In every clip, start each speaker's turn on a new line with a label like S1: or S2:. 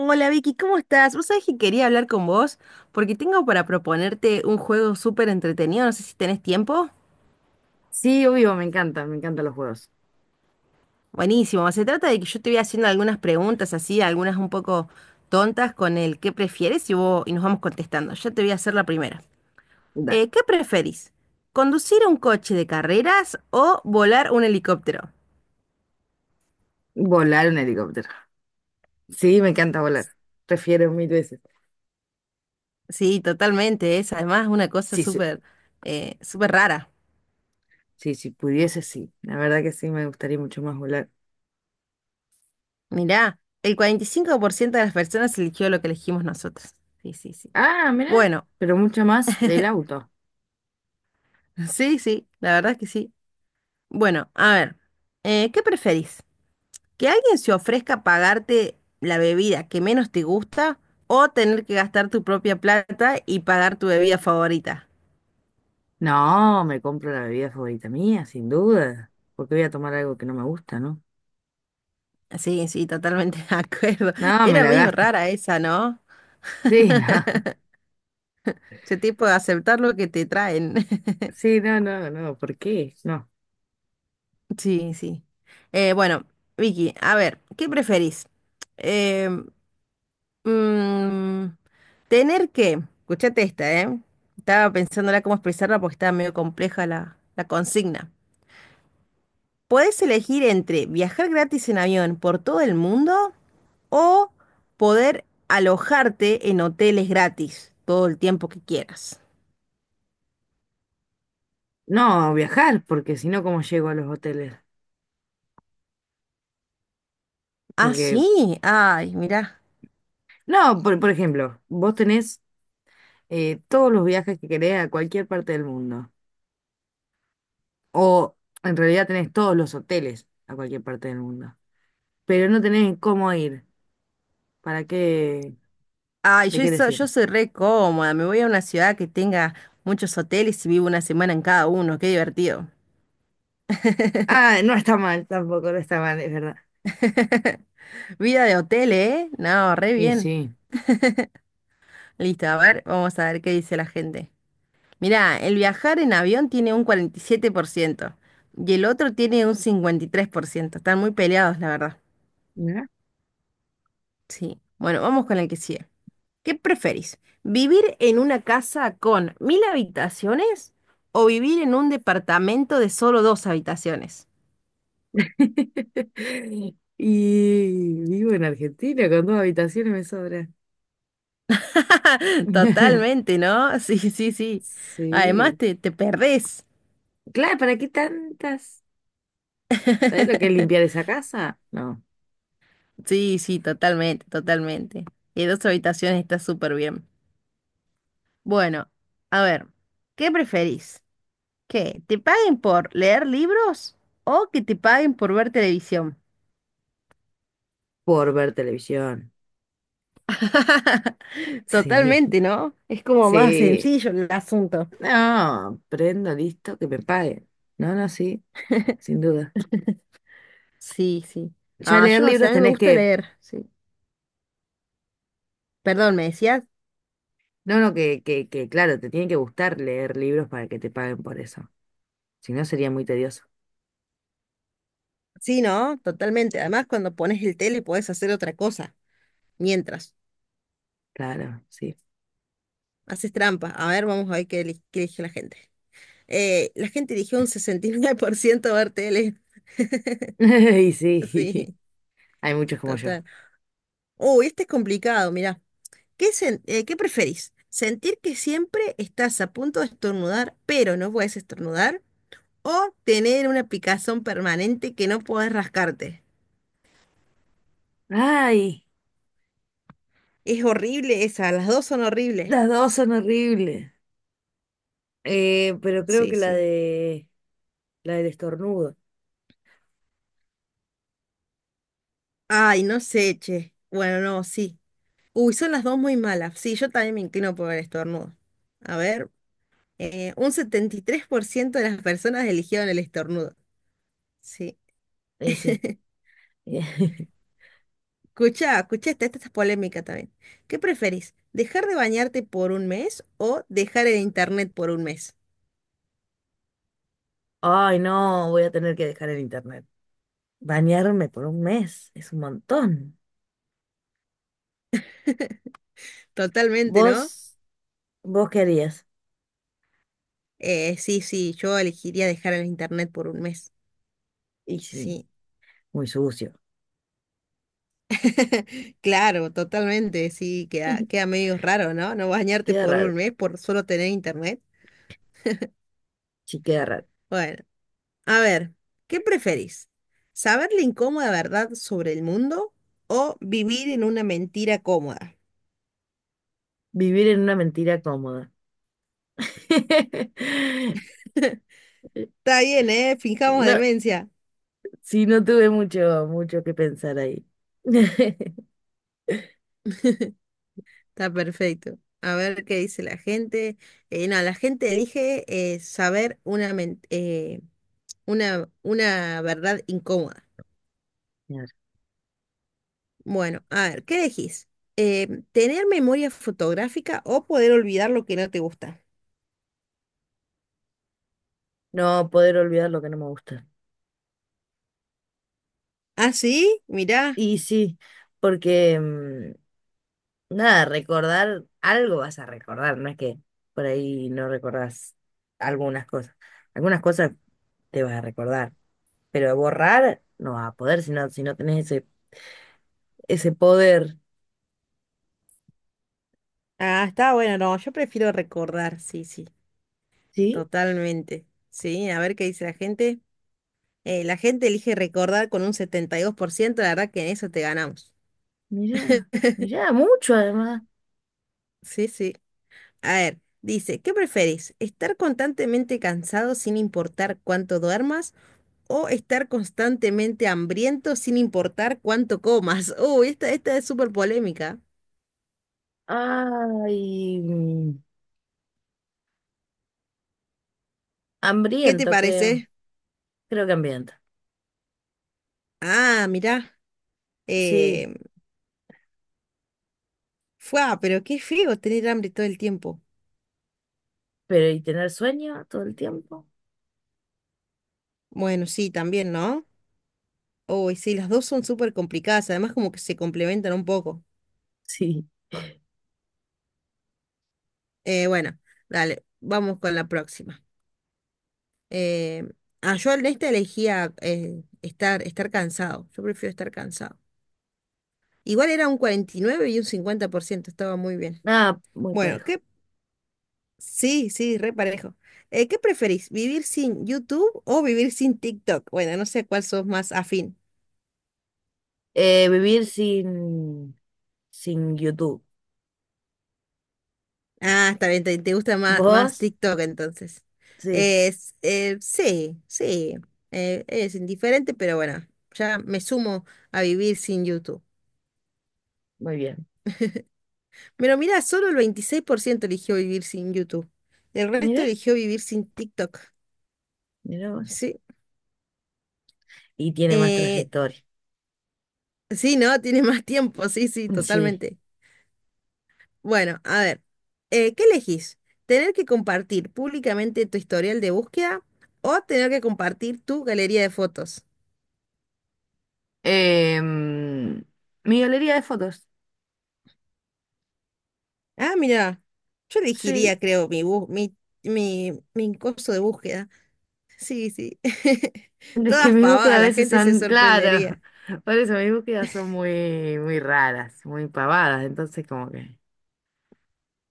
S1: Hola Vicky, ¿cómo estás? Vos sabés que quería hablar con vos porque tengo para proponerte un juego súper entretenido, no sé si tenés tiempo.
S2: Sí, obvio, me encantan los juegos.
S1: Buenísimo, se trata de que yo te voy haciendo algunas preguntas así, algunas un poco tontas con el qué prefieres y, vos, y nos vamos contestando. Yo te voy a hacer la primera.
S2: Da-
S1: ¿Qué preferís? ¿Conducir un coche de carreras o volar un helicóptero?
S2: Volar un helicóptero. Sí, me encanta volar. Prefiero mil veces.
S1: Sí, totalmente, es además una cosa
S2: Sí, sí,
S1: súper súper rara.
S2: sí, si pudiese, sí. La verdad que sí, me gustaría mucho más volar.
S1: Mirá, el 45% de las personas eligió lo que elegimos nosotros. Sí, sí, sí.
S2: Ah, mira,
S1: Bueno,
S2: pero mucho más el auto.
S1: sí, sí, la verdad es que sí. Bueno, a ver, ¿qué preferís? ¿Que alguien se ofrezca a pagarte la bebida que menos te gusta o tener que gastar tu propia plata y pagar tu bebida favorita?
S2: No, me compro la bebida favorita mía, sin duda. Porque voy a tomar algo que no me gusta, ¿no?
S1: Sí, sí, totalmente de acuerdo.
S2: No, me
S1: Era
S2: la
S1: medio
S2: gasto.
S1: rara esa, ¿no?
S2: Sí, no.
S1: Ese tipo de aceptar lo que te traen.
S2: Sí, no, no, no. ¿Por qué? No.
S1: Sí, sí. Bueno, Vicky, a ver, ¿qué preferís? Eh, mm, tener que, escuchate esta, ¿eh? Estaba pensándola cómo expresarla porque estaba medio compleja la consigna. Podés elegir entre viajar gratis en avión por todo el mundo o poder alojarte en hoteles gratis todo el tiempo que quieras.
S2: No, viajar, porque si no, ¿cómo llego a los hoteles?
S1: Ah,
S2: Porque
S1: sí. Ay, mirá.
S2: no, por ejemplo, vos tenés todos los viajes que querés a cualquier parte del mundo. O en realidad tenés todos los hoteles a cualquier parte del mundo. Pero no tenés cómo ir. ¿Para qué?
S1: Ay,
S2: ¿De
S1: yo,
S2: qué
S1: yo
S2: decir?
S1: soy re cómoda, me voy a una ciudad que tenga muchos hoteles y vivo una semana en cada uno, qué divertido.
S2: Ah, no está mal, tampoco no está mal, es verdad.
S1: Vida de hotel, ¿eh? No, re
S2: Y
S1: bien.
S2: sí.
S1: Listo, a ver, vamos a ver qué dice la gente. Mirá, el viajar en avión tiene un 47% y 7% y el otro tiene un 53%. Están muy peleados, la verdad.
S2: ¿No?
S1: Sí. Bueno, vamos con el que sigue. ¿Qué preferís? ¿Vivir en una casa con mil habitaciones o vivir en un departamento de solo dos habitaciones?
S2: Y vivo en Argentina con dos habitaciones me sobra.
S1: Totalmente, ¿no? Sí, sí, sí. Además
S2: Sí.
S1: te perdés.
S2: Claro, ¿para qué tantas? ¿Sabes lo que es limpiar esa casa? No,
S1: Sí, sí, totalmente, totalmente. Y dos habitaciones está súper bien. Bueno, a ver, ¿qué preferís? ¿Que te paguen por leer libros o que te paguen por ver televisión?
S2: por ver televisión. Sí,
S1: Totalmente, ¿no? Es como más
S2: sí.
S1: sencillo el asunto.
S2: No, prendo, listo, que me paguen. No, no, sí, sin duda.
S1: Sí, sí.
S2: Ya
S1: Ah,
S2: leer
S1: yo no sé,
S2: libros
S1: a mí me
S2: tenés
S1: gusta
S2: que,
S1: leer, sí. Perdón, ¿me decías?
S2: no, no, claro, te tiene que gustar leer libros para que te paguen por eso. Si no, sería muy tedioso.
S1: Sí, ¿no? Totalmente. Además, cuando pones el tele puedes hacer otra cosa mientras
S2: Claro, sí.
S1: haces trampa. A ver, vamos a ver qué elige la gente. La gente eligió un 69% ver tele.
S2: Y sí,
S1: Sí,
S2: hay muchos como yo.
S1: total. Uy, este es complicado, mirá. ¿Qué preferís? ¿Sentir que siempre estás a punto de estornudar, pero no puedes estornudar? ¿O tener una picazón permanente que no podés rascarte?
S2: Ay,
S1: Es horrible esa, las dos son horribles.
S2: las dos son horribles. Pero creo
S1: Sí,
S2: que
S1: sí.
S2: la del estornudo.
S1: Ay, no sé, che. Bueno, no, sí. Uy, son las dos muy malas. Sí, yo también me inclino por el estornudo. A ver, un 73% de las personas eligieron el estornudo. Sí.
S2: Y sí.
S1: Escucha, escucha, esta es polémica también. ¿Qué preferís? ¿Dejar de bañarte por un mes o dejar el internet por un mes?
S2: Ay, no, voy a tener que dejar el internet. Bañarme por un mes es un montón.
S1: Totalmente, ¿no?
S2: ¿Vos? ¿Vos qué harías?
S1: Sí, sí, yo elegiría dejar el internet por un mes.
S2: Y sí,
S1: Sí.
S2: muy sucio.
S1: Claro, totalmente. Sí, queda medio raro, ¿no? No bañarte
S2: Queda
S1: por
S2: raro.
S1: un mes por solo tener internet.
S2: Sí, queda raro.
S1: Bueno. A ver, ¿qué preferís? ¿Saber la incómoda verdad sobre el mundo o vivir en una mentira cómoda?
S2: Vivir en una mentira cómoda.
S1: Está bien, ¿eh? Fijamos
S2: No,
S1: demencia.
S2: sí, no tuve mucho, mucho que pensar ahí.
S1: Está perfecto. A ver qué dice la gente. No, la gente elige saber una verdad incómoda.
S2: Claro.
S1: Bueno, a ver, ¿qué elegís? ¿Tener memoria fotográfica o poder olvidar lo que no te gusta?
S2: No poder olvidar lo que no me gusta.
S1: ¿Ah, sí? Mirá.
S2: Y sí, porque nada, recordar algo vas a recordar, no es que por ahí no recordás algunas cosas. Algunas cosas te vas a recordar, pero borrar no vas a poder si no tenés ese, ese poder.
S1: Ah, está bueno, no, yo prefiero recordar, sí, sí.
S2: Sí,
S1: Totalmente. Sí, a ver qué dice la gente. La gente elige recordar con un 72%. La verdad que en eso te ganamos.
S2: mira, mira, mucho además.
S1: Sí, sí. A ver, dice, ¿qué preferís? ¿Estar constantemente cansado sin importar cuánto duermas o estar constantemente hambriento sin importar cuánto comas? Uy, esta es súper polémica.
S2: Ay,
S1: ¿Qué te
S2: hambriento creo,
S1: parece?
S2: creo que hambriento.
S1: Ah, mirá.
S2: Sí,
S1: Eh, fua, pero qué feo tener hambre todo el tiempo.
S2: pero ¿y tener sueño todo el tiempo?
S1: Bueno, sí, también, ¿no? Uy, sí, las dos son súper complicadas, además como que se complementan un poco.
S2: Sí,
S1: Bueno, dale, vamos con la próxima. Eh, yo en esta elegía estar cansado, yo prefiero estar cansado. Igual era un 49 y nueve y un 50% estaba muy bien.
S2: nada, muy
S1: Bueno,
S2: parejo.
S1: ¿qué? Sí, sí, re parejo. ¿Qué preferís, vivir sin YouTube o vivir sin TikTok? Bueno, no sé cuál sos más afín.
S2: Vivir sin YouTube.
S1: Ah, está bien, te gusta más
S2: ¿Vos?
S1: TikTok entonces.
S2: Sí,
S1: Sí, sí, es indiferente, pero bueno, ya me sumo a vivir sin YouTube.
S2: muy bien.
S1: Pero mira, solo el 26% eligió vivir sin YouTube. El resto
S2: Mira,
S1: eligió vivir sin TikTok.
S2: mira vos.
S1: Sí,
S2: Y tiene más
S1: eh,
S2: trayectoria.
S1: sí, ¿no? Tiene más tiempo, sí, sí,
S2: Sí.
S1: totalmente. Bueno, a ver, ¿qué elegís? ¿Tener que compartir públicamente tu historial de búsqueda o tener que compartir tu galería de fotos?
S2: Em, mi galería de fotos.
S1: Ah, mira, yo
S2: Sí,
S1: elegiría, creo, mi bus, mi coso de búsqueda. Sí, sí.
S2: es que
S1: Todas
S2: mis búsquedas
S1: pavadas,
S2: a
S1: la
S2: veces
S1: gente se
S2: son, claro,
S1: sorprendería.
S2: por eso mis búsquedas son muy, muy raras, muy pavadas. Entonces, como que,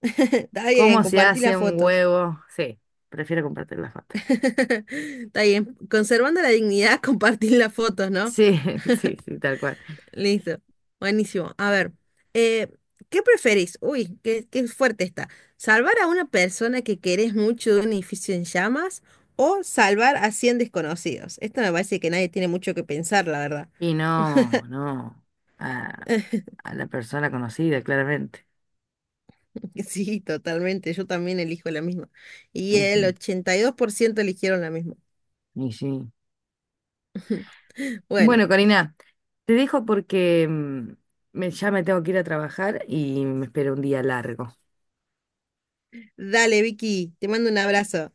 S1: Está bien,
S2: ¿cómo se
S1: compartí
S2: hace
S1: las
S2: un
S1: fotos.
S2: huevo? Sí, prefiero compartir la foto.
S1: Está bien, conservando la dignidad, compartir las fotos, ¿no?
S2: Sí, sí, sí, tal cual.
S1: Listo. Buenísimo. A ver, eh, ¿qué preferís? Uy, qué fuerte está. ¿Salvar a una persona que querés mucho de un edificio en llamas o salvar a 100 desconocidos? Esto me parece que nadie tiene mucho que pensar, la verdad.
S2: Y no, no, a, a la persona conocida, claramente.
S1: Sí, totalmente. Yo también elijo la misma. Y
S2: Y
S1: el
S2: sí,
S1: 82% eligieron la misma.
S2: y sí.
S1: Bueno,
S2: Bueno, Karina, te dejo porque ya me tengo que ir a trabajar y me espero un día largo.
S1: dale, Vicky, te mando un abrazo.